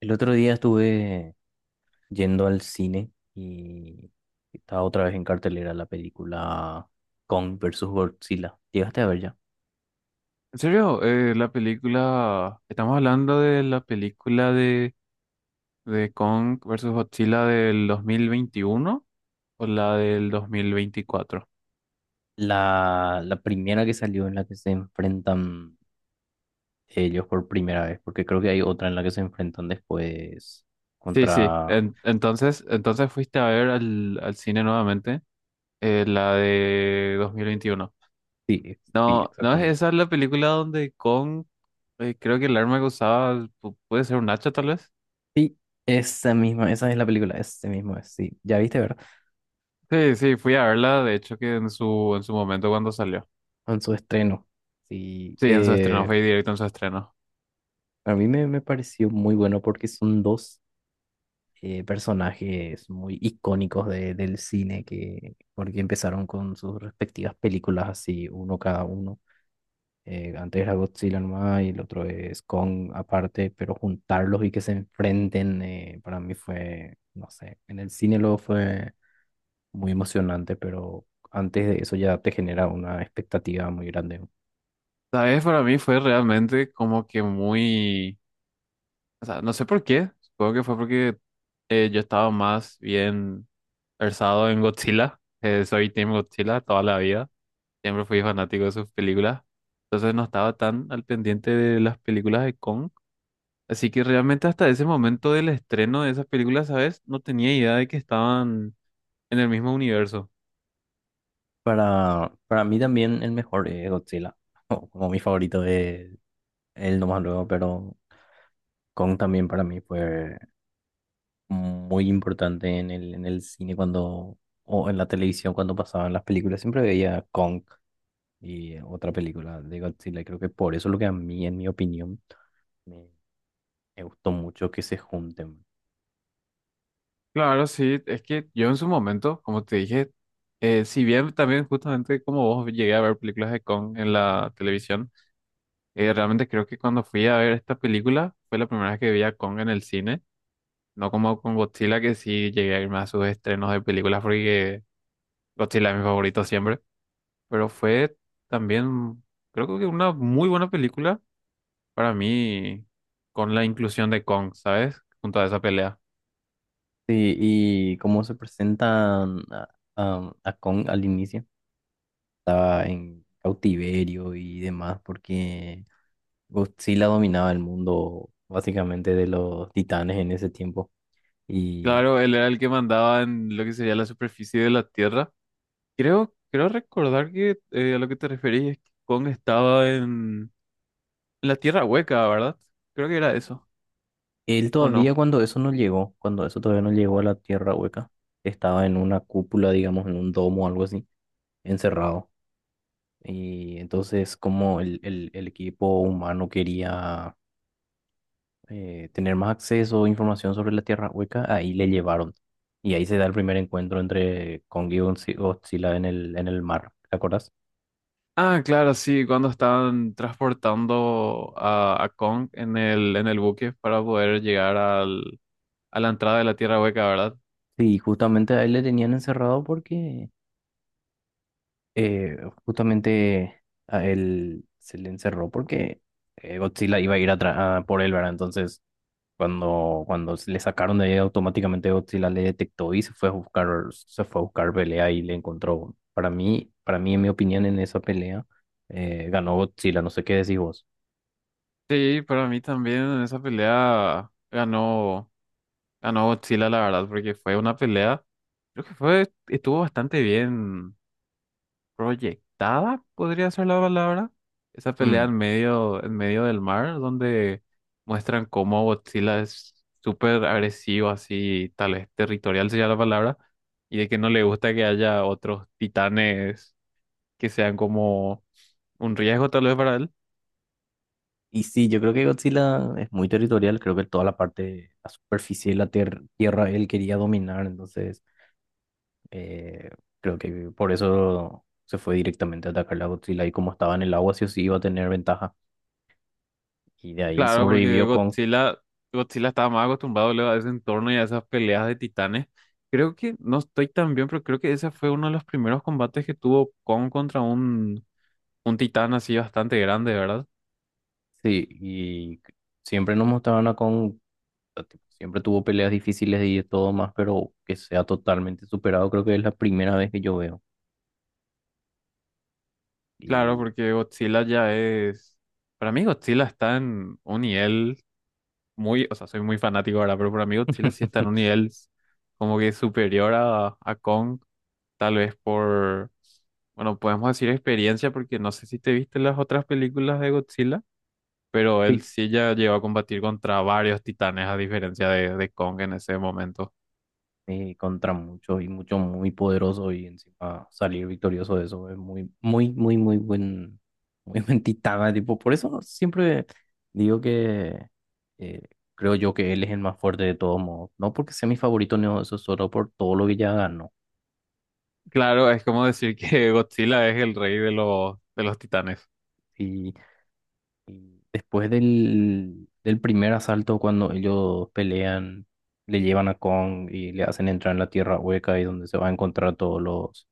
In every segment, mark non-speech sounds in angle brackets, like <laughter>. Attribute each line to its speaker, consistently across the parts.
Speaker 1: El otro día estuve yendo al cine y estaba otra vez en cartelera la película Kong versus Godzilla. ¿Llegaste a ver ya?
Speaker 2: En serio, la película, estamos hablando de la película de Kong versus Godzilla del 2021 o la del 2024.
Speaker 1: La primera que salió en la que se enfrentan ellos por primera vez, porque creo que hay otra en la que se enfrentan después
Speaker 2: Sí, sí,
Speaker 1: contra...
Speaker 2: En- entonces, entonces fuiste a ver al cine nuevamente, la de 2021.
Speaker 1: Sí,
Speaker 2: No, no es
Speaker 1: exactamente.
Speaker 2: esa la película donde Kong, creo que el arma que usaba puede ser un hacha tal vez.
Speaker 1: Sí, esa misma, esa es la película, ese mismo es, sí. Ya viste, ¿verdad?
Speaker 2: Sí, sí, fui a verla, de hecho que en su momento cuando salió.
Speaker 1: En su estreno. Sí,
Speaker 2: Sí, en su estreno, fue directo en su estreno.
Speaker 1: a me pareció muy bueno porque son dos personajes muy icónicos del cine que porque empezaron con sus respectivas películas así, uno cada uno. Antes era Godzilla nomás y el otro es Kong aparte, pero juntarlos y que se enfrenten para mí fue, no sé, en el cine luego fue muy emocionante, pero antes de eso ya te genera una expectativa muy grande.
Speaker 2: ¿Sabes? Para mí fue realmente como que muy, o sea, no sé por qué, supongo que fue porque yo estaba más bien versado en Godzilla, soy Team Godzilla toda la vida, siempre fui fanático de sus películas, entonces no estaba tan al pendiente de las películas de Kong, así que realmente hasta ese momento del estreno de esas películas, ¿sabes? No tenía idea de que estaban en el mismo universo.
Speaker 1: Para mí también el mejor es Godzilla, <laughs> como mi favorito es él nomás luego, pero Kong también para mí fue muy importante en en el cine cuando, o en la televisión cuando pasaban las películas, siempre veía Kong y otra película de Godzilla. Y creo que por eso lo que a mí, en mi opinión, me, me gustó mucho que se junten.
Speaker 2: Claro, sí, es que yo en su momento, como te dije, si bien también justamente como vos llegué a ver películas de Kong en la televisión, realmente creo que cuando fui a ver esta película fue la primera vez que vi a Kong en el cine, no como con Godzilla que sí llegué a irme a sus estrenos de películas porque Godzilla es mi favorito siempre, pero fue también creo que una muy buena película para mí con la inclusión de Kong, ¿sabes? Junto a esa pelea.
Speaker 1: Sí, y cómo se presentan a, a Kong al inicio, estaba en cautiverio y demás, porque Godzilla dominaba el mundo básicamente de los titanes en ese tiempo.
Speaker 2: Claro, él era el que mandaba en lo que sería la superficie de la Tierra. Creo recordar que a lo que te referís es que Kong estaba en la Tierra Hueca, ¿verdad? Creo que era eso,
Speaker 1: Él
Speaker 2: ¿o
Speaker 1: todavía
Speaker 2: no?
Speaker 1: cuando eso no llegó, cuando eso todavía no llegó a la Tierra Hueca, estaba en una cúpula, digamos, en un domo o algo así, encerrado. Y entonces como el equipo humano quería tener más acceso a información sobre la Tierra Hueca, ahí le llevaron. Y ahí se da el primer encuentro entre Kong y Godzilla en en el mar, ¿te acuerdas?
Speaker 2: Ah, claro, sí, cuando estaban transportando a Kong en en el buque para poder llegar a la entrada de la Tierra Hueca, ¿verdad?
Speaker 1: Sí, justamente a él le tenían encerrado porque eh, justamente a él se le encerró porque Godzilla iba a ir a, a por él, ¿verdad? Entonces, cuando se le sacaron de ahí, automáticamente Godzilla le detectó y se fue a buscar, se fue a buscar pelea y le encontró. Para mí, en mi opinión, en esa pelea, ganó Godzilla, no sé qué decís vos.
Speaker 2: Sí, para mí también en esa pelea ganó, ganó Godzilla, la verdad, porque fue una pelea, creo que fue, estuvo bastante bien proyectada, podría ser la palabra. Esa pelea
Speaker 1: Mm,
Speaker 2: en medio del mar, donde muestran cómo Godzilla es súper agresivo, así, tal vez territorial sería la palabra, y de que no le gusta que haya otros titanes que sean como un riesgo tal vez para él.
Speaker 1: y sí, yo creo que Godzilla es muy territorial, creo que toda la parte, la superficie de la tierra, él quería dominar, entonces... Eh, Creo que por eso se fue directamente a atacar la Godzilla y como estaba en el agua, sí o sí iba a tener ventaja. Y de ahí
Speaker 2: Claro, porque
Speaker 1: sobrevivió Kong.
Speaker 2: Godzilla estaba más acostumbrado luego a ese entorno y a esas peleas de titanes. Creo que, no estoy tan bien, pero creo que ese fue uno de los primeros combates que tuvo Kong contra un titán así bastante grande, ¿verdad?
Speaker 1: Sí, y siempre nos mostraban a Kong, o sea, siempre tuvo peleas difíciles y de todo más, pero que sea totalmente superado, creo que es la primera vez que yo veo.
Speaker 2: Claro,
Speaker 1: Y
Speaker 2: porque Godzilla ya es... Para mí Godzilla está en un nivel muy... O sea, soy muy fanático ahora, pero para mí Godzilla sí está en un
Speaker 1: <laughs>
Speaker 2: nivel como que superior a Kong, tal vez por... Bueno, podemos decir experiencia porque no sé si te viste las otras películas de Godzilla, pero él
Speaker 1: sí,
Speaker 2: sí ya llegó a combatir contra varios titanes a diferencia de Kong en ese momento.
Speaker 1: contra muchos y muchos muy poderosos y encima salir victorioso de eso es muy, muy, muy, muy buen, <laughs> muy buen titán, tipo, por eso siempre digo que eh, creo yo que él es el más fuerte de todos modos, no porque sea mi favorito, no, eso es solo por todo lo que ya ganó.
Speaker 2: Claro, es como decir que <laughs> Godzilla es el rey de de los titanes.
Speaker 1: Y, y después del primer asalto, cuando ellos pelean, le llevan a Kong y le hacen entrar en la tierra hueca y donde se va a encontrar todos los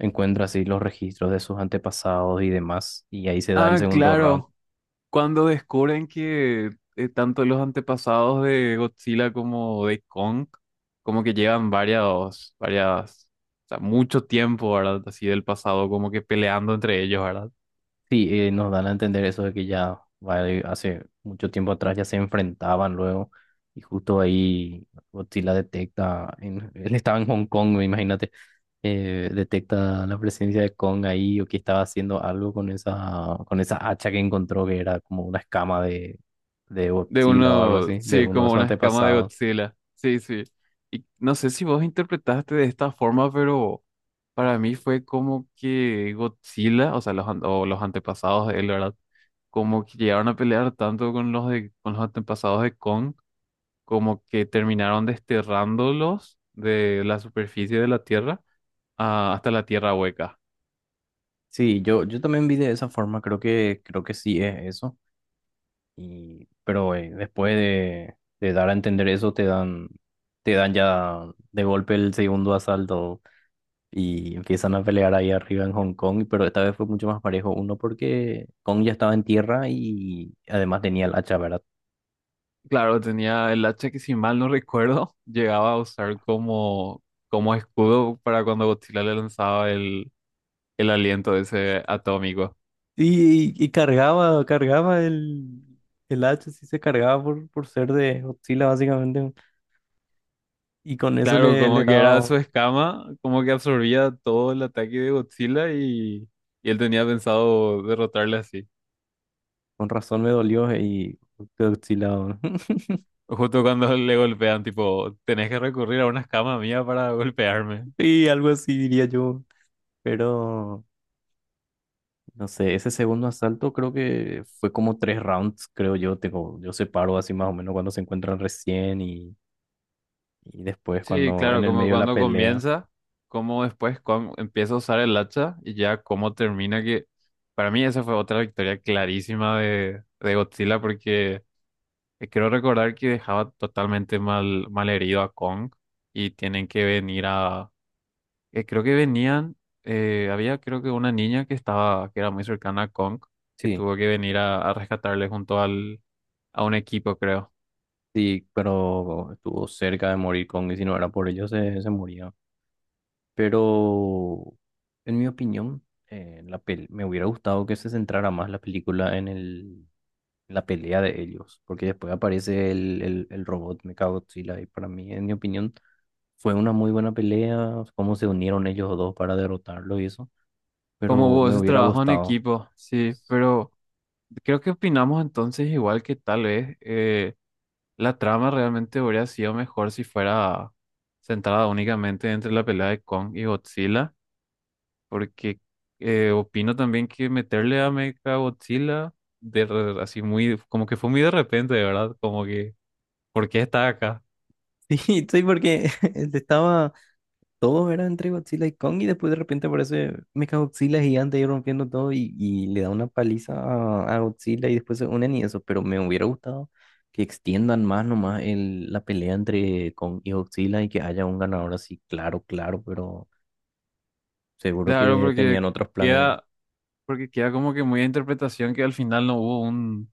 Speaker 1: encuentra así los registros de sus antepasados y demás, y ahí se da el
Speaker 2: Ah,
Speaker 1: segundo round.
Speaker 2: claro. Cuando descubren que tanto los antepasados de Godzilla como de Kong, como que llevan varias, o sea, mucho tiempo, ¿verdad? Así del pasado, como que peleando entre ellos, ¿verdad?
Speaker 1: Sí, nos dan a entender eso de que ya vale, hace mucho tiempo atrás ya se enfrentaban luego, y justo ahí Godzilla detecta, <laughs> él estaba en Hong Kong, me imagínate, detecta la presencia de Kong ahí o que estaba haciendo algo con con esa hacha que encontró que era como una escama de
Speaker 2: De
Speaker 1: Godzilla o algo
Speaker 2: uno,
Speaker 1: así, de
Speaker 2: sí,
Speaker 1: uno de
Speaker 2: como
Speaker 1: sus
Speaker 2: una escama de
Speaker 1: antepasados.
Speaker 2: Godzilla. Sí, sí. Y no sé si vos interpretaste de esta forma, pero para mí fue como que Godzilla, o sea, los, an- o los antepasados de él, ¿verdad? Como que llegaron a pelear tanto con los con los antepasados de Kong como que terminaron desterrándolos de la superficie de la Tierra hasta la Tierra hueca.
Speaker 1: Sí, yo también vi de esa forma, creo que sí es eso. Y, pero después de dar a entender eso, te dan ya de golpe el segundo asalto y empiezan a pelear ahí arriba en Hong Kong, pero esta vez fue mucho más parejo. Uno porque Kong ya estaba en tierra y además tenía el hacha, ¿verdad?
Speaker 2: Claro, tenía el hacha que si mal no recuerdo, <laughs> llegaba a usar como, como escudo para cuando Godzilla le lanzaba el aliento ese atómico.
Speaker 1: Y cargaba, cargaba el hacha, sí se cargaba por ser de Godzilla básicamente. Y con eso
Speaker 2: Claro, como
Speaker 1: le
Speaker 2: que era
Speaker 1: daba,
Speaker 2: su escama, como que absorbía todo el ataque de Godzilla y él tenía pensado derrotarle así.
Speaker 1: con razón me dolió y Godzilla. <laughs>
Speaker 2: Justo cuando <laughs> le golpean, tipo, tenés que recurrir a una escama mía para <laughs> golpearme.
Speaker 1: Y algo así diría yo. Pero no sé, ese segundo asalto creo que fue como tres rounds, creo yo. Tengo, yo separo así más o menos cuando se encuentran recién y después
Speaker 2: Sí,
Speaker 1: cuando en
Speaker 2: claro,
Speaker 1: el
Speaker 2: como
Speaker 1: medio de la
Speaker 2: cuando
Speaker 1: pelea.
Speaker 2: comienza, como después empieza a usar el hacha y ya cómo termina que para mí esa fue otra victoria clarísima de Godzilla porque creo recordar que dejaba totalmente mal, mal herido a Kong y tienen que venir a creo que venían había creo que una niña que estaba que era muy cercana a Kong que
Speaker 1: Sí,
Speaker 2: tuvo que venir a rescatarle junto al a un equipo, creo.
Speaker 1: sí, pero estuvo cerca de morir Kong y si no era por ello se moría. Pero en mi opinión, la pel- me hubiera gustado que se centrara más la película en la pelea de ellos, porque después aparece el robot Mechagodzilla y para mí, en mi opinión. Fue una muy buena pelea, cómo se unieron ellos dos para derrotarlo y eso,
Speaker 2: Como
Speaker 1: pero
Speaker 2: hubo
Speaker 1: me
Speaker 2: ese
Speaker 1: hubiera
Speaker 2: trabajo en
Speaker 1: gustado.
Speaker 2: equipo, sí, pero creo que opinamos entonces igual que tal vez la trama realmente hubiera sido mejor si fuera centrada únicamente entre la pelea de Kong y Godzilla, porque opino también que meterle a Mecha Godzilla así muy, como que fue muy de repente, de verdad, como que, ¿por qué está acá?
Speaker 1: <laughs> Sí, sí, porque <laughs> estaba, todo era entre Godzilla y Kong y después de repente aparece Mecha Godzilla gigante y rompiendo todo y le da una paliza a Godzilla y después se unen y eso, pero me hubiera gustado que extiendan más nomás la pelea entre Kong y Godzilla y que haya un ganador así, claro, claro, pero seguro
Speaker 2: Claro,
Speaker 1: que
Speaker 2: porque
Speaker 1: tenían otros planes.
Speaker 2: queda, porque queda como que muy a interpretación que al final no hubo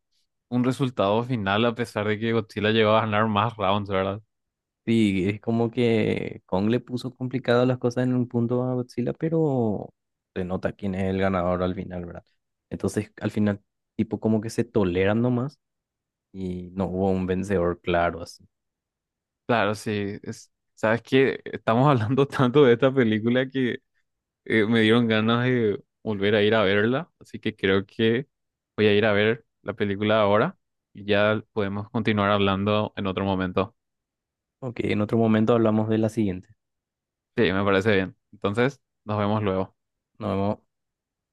Speaker 2: un resultado final a pesar de que Godzilla llegó a ganar más rounds, ¿verdad?
Speaker 1: Sí, es como que Kong le puso complicadas las cosas en un punto a Godzilla, pero se nota quién es el ganador al final, ¿verdad? Entonces, al final, tipo como que se toleran nomás y no hubo un vencedor claro así.
Speaker 2: Claro, sí. Es- sabes que estamos <laughs> hablando tanto de esta película que me dieron ganas de volver a ir a verla, así que creo que voy a ir a ver la película ahora y ya podemos continuar hablando en otro momento.
Speaker 1: Ok, en otro momento hablamos de la siguiente.
Speaker 2: Sí, me parece bien. Entonces, nos vemos luego.
Speaker 1: Nos vemos.